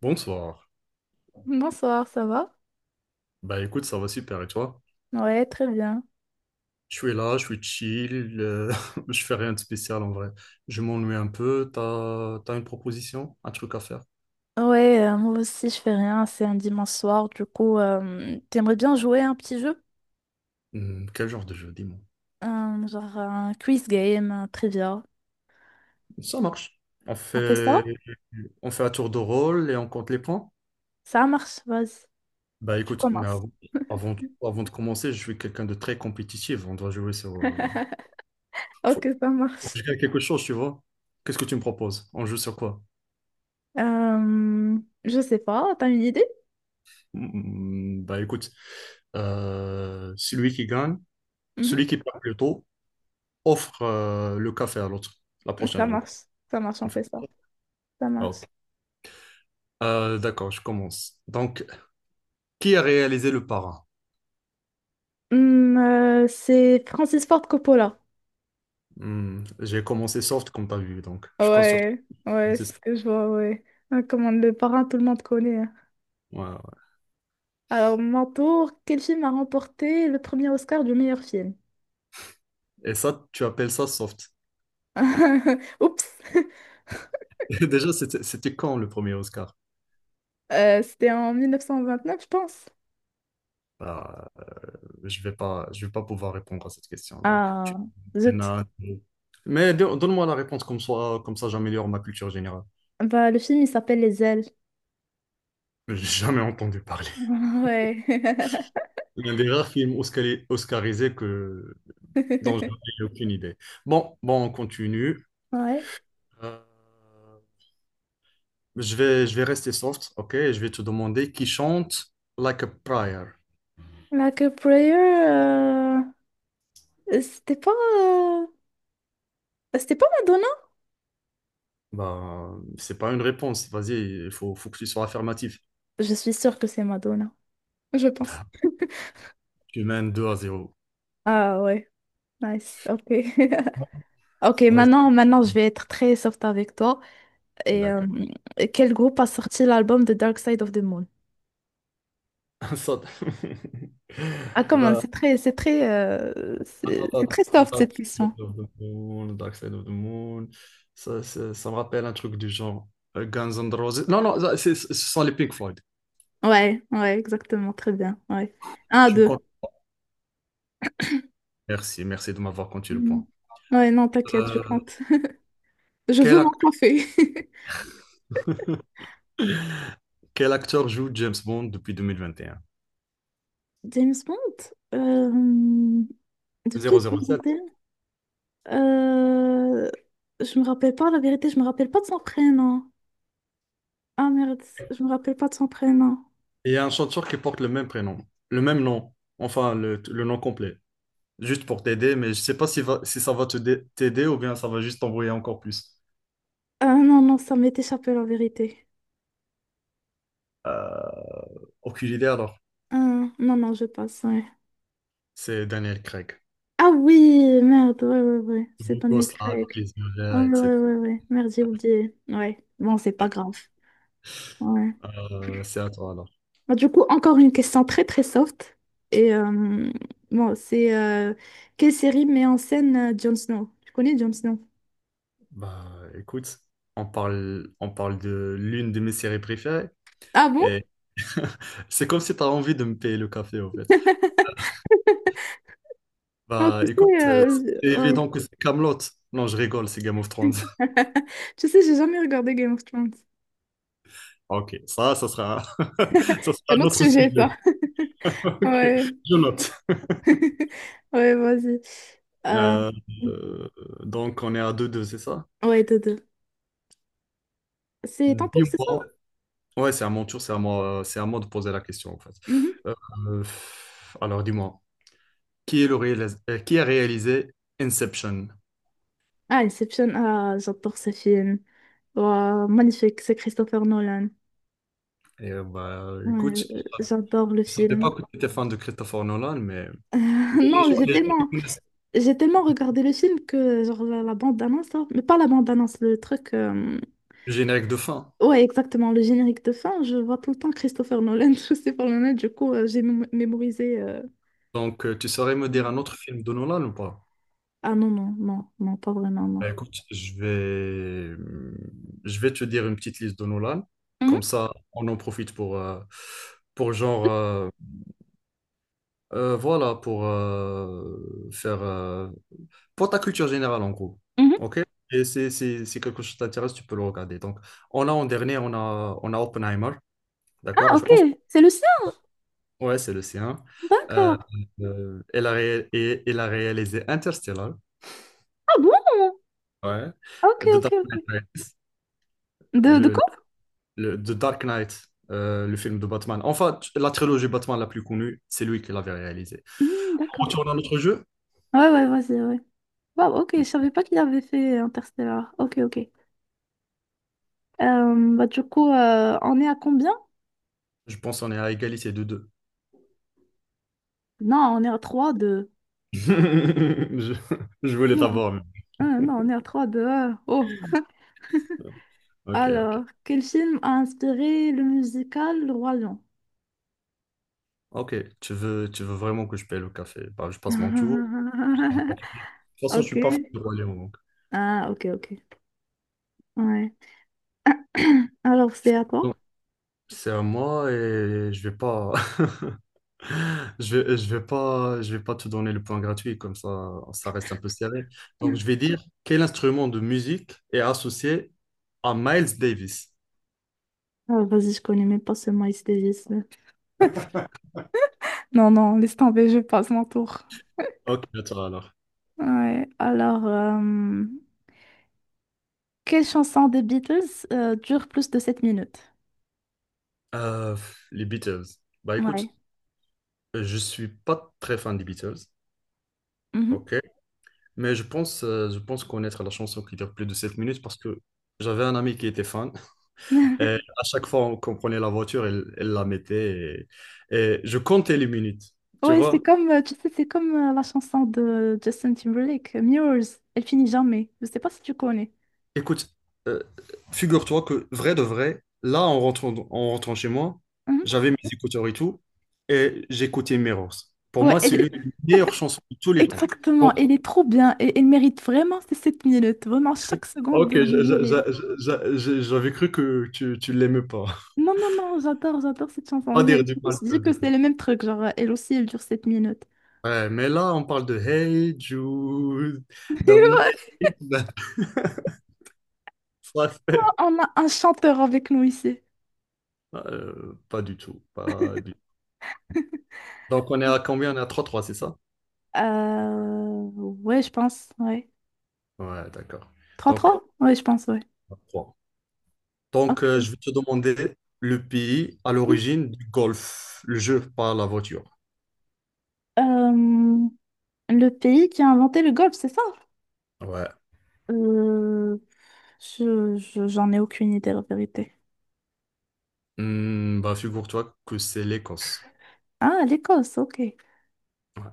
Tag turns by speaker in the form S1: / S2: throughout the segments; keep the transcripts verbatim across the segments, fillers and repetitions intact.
S1: Bonsoir.
S2: Bonsoir, ça va?
S1: Bah écoute, ça va super et toi?
S2: Ouais, très bien.
S1: Je suis là, je suis chill, euh, je fais rien de spécial en vrai. Je m'ennuie un peu, t'as, t'as une proposition, un truc à faire?
S2: Ouais, euh, moi aussi je fais rien, c'est un dimanche soir, du coup, euh, t'aimerais bien jouer à un petit jeu?
S1: Hmm, quel genre de jeu, dis-moi.
S2: Un- genre un quiz game, un trivia.
S1: Ça marche. On
S2: On fait ça?
S1: fait, on fait un tour de rôle et on compte les points?
S2: Ça marche, vas-y,
S1: Bah
S2: tu
S1: écoute, mais
S2: commences.
S1: avant, avant, avant de commencer, je suis quelqu'un de très compétitif, on doit jouer sur... euh, faut,
S2: Ok, ça
S1: faut
S2: marche.
S1: que je gagne quelque chose, tu vois? Qu'est-ce que tu me proposes? On joue sur quoi?
S2: Euh, je sais pas, t'as une idée?
S1: Hmm, bah écoute, euh, celui qui gagne...
S2: Mhm.
S1: Celui qui parle plus tôt offre euh, le café à l'autre, la prochaine
S2: Ça
S1: rencontre,
S2: marche, ça marche,
S1: en
S2: on
S1: fait.
S2: fait ça. Ça
S1: Ah,
S2: marche.
S1: ok. Euh, d'accord, je commence. Donc, qui a réalisé le parrain?
S2: Hum, euh, c'est Francis Ford Coppola.
S1: Hmm, j'ai commencé soft, comme tu as vu, donc je compte sur toi.
S2: Ouais, ouais,
S1: C'est
S2: c'est
S1: ça.
S2: ce que je vois, ouais. Ah, Comme on le parrain, tout le monde connaît.
S1: Ouais, ouais.
S2: Alors, mon tour, quel film a remporté le premier Oscar du meilleur film?
S1: Et ça, tu appelles ça soft.
S2: Oups!
S1: Déjà, c'était c'était quand le premier Oscar?
S2: Euh, c'était en mille neuf cent vingt-neuf, je pense.
S1: Ah, je vais pas, je vais pas pouvoir répondre à cette question. Donc, tu-
S2: Ah,
S1: il y en
S2: zut.
S1: a deux. Mais don- donne-moi la réponse comme ça, comme ça j'améliore ma culture générale.
S2: Bah, le film, il s'appelle Les Ailes.
S1: J'ai jamais entendu parler.
S2: Ouais.
S1: L'un des rares films oscari- oscarisés que donc, j'en ai aucune idée. Bon, bon, on continue.
S2: Ouais.
S1: Euh, je vais, je vais rester soft, ok? Je vais te demander qui chante Like a Prayer.
S2: Like a Prayer, euh, c'était pas... euh, C'était pas Madonna?
S1: Bah, c'est pas une réponse. Vas-y, il faut, faut que tu sois affirmatif.
S2: Je suis sûre que c'est Madonna, je pense.
S1: Tu mènes deux à zéro.
S2: Ah ouais, nice, ok. Ok,
S1: Ouais.
S2: maintenant, maintenant, je vais être très soft avec toi. Et euh,
S1: D'accord.
S2: quel groupe a sorti l'album The Dark Side of the Moon?
S1: Ça-
S2: Ah, comment?
S1: Bah,
S2: C'est très, c'est très, euh,
S1: attends,
S2: c'est
S1: attends,
S2: c'est
S1: attends.
S2: très soft
S1: Dark
S2: cette question.
S1: Side of the Moon, Dark Side of the Moon. Ça, ça, ça me rappelle un truc du genre euh, Guns N' Roses. Non, non, ça, c'est- ce sont les Pink Floyd.
S2: Ouais, ouais, exactement, très bien. Ouais. Un,
S1: Tu me
S2: deux.
S1: comptes merci, merci de m'avoir compté le
S2: Non.
S1: point.
S2: Ouais, non, t'inquiète, je
S1: Euh,
S2: compte. Je veux
S1: quel,
S2: mon
S1: ac-
S2: café.
S1: quel acteur joue James Bond depuis deux mille vingt et un?
S2: James Bond, euh, depuis
S1: zéro zéro sept. Et un? Zéro zéro sept.
S2: deux mille vingt et un, euh, je me rappelle pas, la vérité, je me rappelle pas de son prénom. Ah merde, je me rappelle pas de son prénom.
S1: Et il y a un chanteur qui porte le même prénom, le même nom, enfin le, le nom complet. Juste pour t'aider, mais je sais pas si, va- si ça va te dé- t'aider ou bien ça va juste t'embrouiller encore plus.
S2: Ah non, non, ça m'est échappé, la vérité.
S1: Aucune idée alors.
S2: Ah, non, non, je passe. ouais.
S1: C'est Daniel Craig.
S2: Ah oui, merde, ouais, ouais, ouais,
S1: Le
S2: c'est Daniel
S1: gosse là avec
S2: Craig.
S1: les yeux
S2: Ah
S1: verts,
S2: ouais, ouais,
S1: et cetera.
S2: ouais, ouais. merde, j'ai oublié. Ouais, bon, c'est pas grave. Ouais.
S1: Euh, c'est à toi alors.
S2: Bah, Du coup, encore une question très très soft. Et euh, bon, c'est euh, quelle série met en scène euh, Jon Snow? Tu connais Jon Snow?
S1: Bah écoute, on parle, on parle de l'une de mes séries préférées
S2: Ah bon?
S1: et c'est comme si tu as envie de me payer le café en fait.
S2: Non,
S1: Bah
S2: tu
S1: écoute,
S2: sais,
S1: euh,
S2: euh,
S1: c'est
S2: je- ouais.
S1: évident que c'est Camelot. Non, je rigole, c'est Game of Thrones.
S2: Tu sais, j'ai jamais regardé Game of Thrones.
S1: Ok, ça, ça sera, ça sera
S2: Un
S1: un
S2: autre
S1: autre
S2: sujet, ça.
S1: sujet. Ok,
S2: Ouais.
S1: je note.
S2: Ouais, vas-y. Euh,
S1: Euh, euh, donc, on est à deux deux, c'est ça?
S2: ouais, Dodo. C'est Tempour, c'est ça?
S1: Dis-moi. Ouais, c'est à mon tour, c'est à moi, c'est à moi de poser la question, en fait.
S2: Mhm.
S1: Euh, euh, alors, dis-moi, qui est le réalis- euh, qui a réalisé Inception?
S2: Ah, Inception, ah, j'adore ce film. Waouh, magnifique, c'est Christopher Nolan.
S1: Et, euh, bah,
S2: Ouais,
S1: écoute,
S2: euh, j'adore le
S1: je ne savais
S2: film.
S1: pas que tu étais fan de Christopher Nolan, mais les les
S2: Non,
S1: gens,
S2: j'ai
S1: les gens qui
S2: tellement,
S1: connaissent
S2: j'ai tellement regardé le film que genre la, la bande-annonce, là, mais pas la bande-annonce, le truc. euh,
S1: le générique de fin.
S2: Ouais, exactement, le générique de fin, je vois tout le temps Christopher Nolan, Christopher Nolan, du coup, euh, j'ai mém- mémorisé. euh,
S1: Donc, euh, tu saurais me dire un autre film de Nolan ou pas?
S2: Ah non, non, non, non, pas vraiment, non.
S1: Bah, écoute, je vais, je vais te dire une petite liste de Nolan. Comme
S2: Mhm,
S1: ça, on en profite pour, euh, pour genre, euh, euh, voilà, pour euh, faire, euh, pour ta culture générale en gros.
S2: mhm.
S1: OK? Et c'est, c'est, c'est quelque chose t'intéresse, tu peux le regarder. Donc, on a en dernier, on a, on a Oppenheimer.
S2: Ah,
S1: D'accord? Je
S2: ok,
S1: pense,
S2: c'est le sien,
S1: ouais, c'est le sien. Euh,
S2: d'accord.
S1: euh, elle a, ré- et, elle a réalisé Interstellar.
S2: Ah bon?
S1: Ouais.
S2: Ok,
S1: De
S2: ok,
S1: Dark
S2: ok.
S1: Knight Rises.
S2: De, de
S1: Le, le- The Dark Knight, euh, le film de Batman. Enfin, la trilogie Batman la plus connue, c'est lui qui l'avait réalisée.
S2: Hmm,
S1: En
S2: d'accord.
S1: retournant à notre jeu,
S2: Ouais, ouais, vas-y, ouais. Wow, ok, je savais pas qu'il avait fait Interstellar. Ok, ok. Euh, bah, du coup, euh, on est à combien?
S1: je pense qu'on est à égalité de deux.
S2: Non, on est à trois deux.
S1: Je, je voulais
S2: Non,
S1: t'avoir. Mais-
S2: ah, non, on est à trois deux. Oh.
S1: ok, ok.
S2: Alors, quel film a inspiré le musical Le Roi Lion?
S1: Ok, tu veux, tu veux vraiment que je paye le café. Bah, je passe mon tour. De toute façon, je
S2: Ok.
S1: suis pas fan de Roi Lion, donc.
S2: Ah, ok, ok. Ouais. Alors, c'est à toi?
S1: Donc, c'est à moi et je vais pas. Je vais, je vais pas, je vais pas te donner le point gratuit, comme ça, ça reste un peu serré. Donc, je vais dire quel instrument de musique est associé à Miles Davis.
S2: Ah, vas-y, je connais même pas ce Miles Davis. Non, non, laisse tomber, je passe mon tour.
S1: Ok, attends alors.
S2: Ouais, alors, euh, quelle chanson des Beatles euh, dure plus de sept minutes?
S1: Euh, les Beatles. Bah écoute,
S2: Ouais.
S1: je suis pas très fan des Beatles,
S2: Mhm.
S1: ok. Mais je pense, euh, je pense connaître la chanson qui dure plus de sept minutes parce que j'avais un ami qui était fan. Et à chaque fois qu'on prenait la voiture, elle, elle la mettait et, et je comptais les minutes, tu
S2: Ouais, c'est
S1: vois.
S2: comme, euh, tu sais, c'est comme euh, la chanson de Justin Timberlake, euh, Mirrors. Elle finit jamais. Je sais pas si tu connais.
S1: Écoute, euh, figure-toi que vrai de vrai, là en rentrant, en rentrant chez moi,
S2: Mhm.
S1: j'avais mes écouteurs et tout, et j'écoutais Mirrors. Pour
S2: Ouais,
S1: moi, c'est l'une
S2: elle-
S1: des meilleures chansons de tous les temps.
S2: exactement.
S1: Donc,
S2: Elle est trop bien. Et elle mérite vraiment ces sept minutes. Vraiment, chaque seconde
S1: ok,
S2: elle
S1: j'a- j'a- j'a-
S2: mérite.
S1: j'a- j'a- j'avais cru que tu, tu l'aimais pas.
S2: Non, non, non, j'adore, j'adore cette chanson.
S1: Pas
S2: Je je
S1: dire du
S2: me
S1: mal
S2: suis
S1: de...
S2: dit que
S1: de-
S2: c'est
S1: de-
S2: le même truc. Genre, euh, elle aussi, elle dure sept minutes.
S1: ouais, mais là, on parle de Hey Jude, don't make
S2: Ouais.
S1: it. Ça, c'est-
S2: On a un chanteur avec nous ici.
S1: euh, pas du tout, pas du- donc on est à combien? On est à trois trois, c'est ça?
S2: Euh, ouais, je pense. Ouais.
S1: Ouais, d'accord.
S2: 3
S1: Donc,
S2: trois Oui, je pense, oui.
S1: Donc,
S2: Ok.
S1: euh, je vais te demander le pays à l'origine du golf, le jeu par la voiture.
S2: Euh, le pays qui a inventé le golf, c'est ça?
S1: Ouais.
S2: Euh, je, je- j'en ai aucune idée, la vérité.
S1: Hmm, bah, figure-toi que c'est l'Écosse.
S2: Ah, l'Écosse, ok.
S1: Ouais.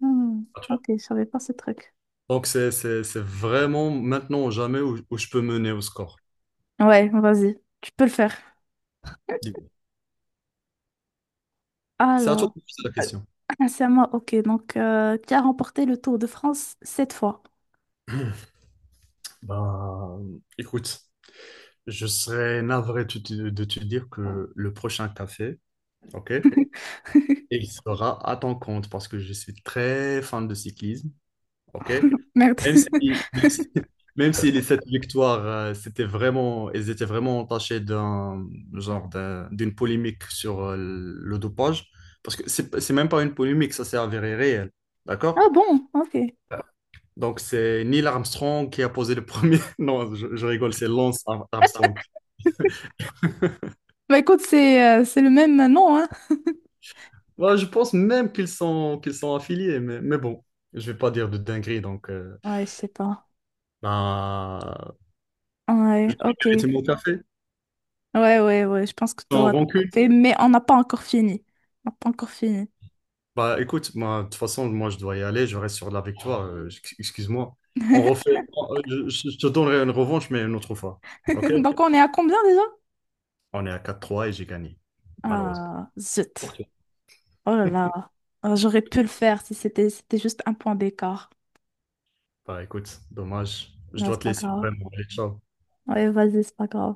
S2: Hmm,
S1: À toi.
S2: ok, je savais pas ce truc.
S1: Donc, c'est c'est- c'est vraiment maintenant ou jamais où, où je peux mener au score.
S2: Ouais, vas-y, tu peux le faire.
S1: Dis-moi. C'est à toi
S2: Alors,
S1: de me poser la question.
S2: ah, c'est à moi, ok. Donc, euh, qui a remporté le Tour de France cette fois?
S1: Bah, écoute, je serais navré de te, de te dire que le prochain café, ok, il sera à ton compte parce que je suis très fan de cyclisme. OK?
S2: Merde.
S1: Même si, même si, même si les sept victoires, euh, c'était vraiment, elles étaient vraiment entachées d'un genre d'un- d'une polémique sur euh, le dopage, parce que c'est c'est même pas une polémique, ça c'est avéré réel, d'accord?
S2: Ah bon, ok.
S1: Donc c'est Neil Armstrong qui a posé le premier. Non, je, je rigole, c'est Lance Ar- Armstrong.
S2: Bah écoute, c'est euh, c'est le même nom, hein?
S1: Moi, je pense même qu'ils sont qu'ils sont affiliés, mais, mais bon, je vais pas dire de dinguerie, donc euh,
S2: Ouais, je sais pas.
S1: ben, je
S2: Ouais,
S1: vais
S2: ok.
S1: arrêter mon café.
S2: Ouais, ouais, ouais, je pense que
S1: Sans
S2: t'auras
S1: rancune.
S2: fait, mais on n'a pas encore fini. On n'a pas encore fini.
S1: Bah écoute, moi, de toute façon, moi je dois y aller, je reste sur de la victoire, euh, ex- excuse-moi. On refait, euh, je, je- te donnerai une revanche, mais une autre fois. Ok?
S2: Donc on est à combien déjà?
S1: On est à quatre trois et j'ai gagné, malheureusement.
S2: Ah, zut.
S1: Ok.
S2: Oh là là. Ah, j'aurais pu le faire si c'était c'était juste un point d'écart.
S1: Bah écoute, dommage, je
S2: Là,
S1: dois
S2: c'est
S1: te
S2: pas
S1: laisser
S2: grave.
S1: vraiment. Allez, ciao.
S2: Ouais, vas-y, c'est pas grave.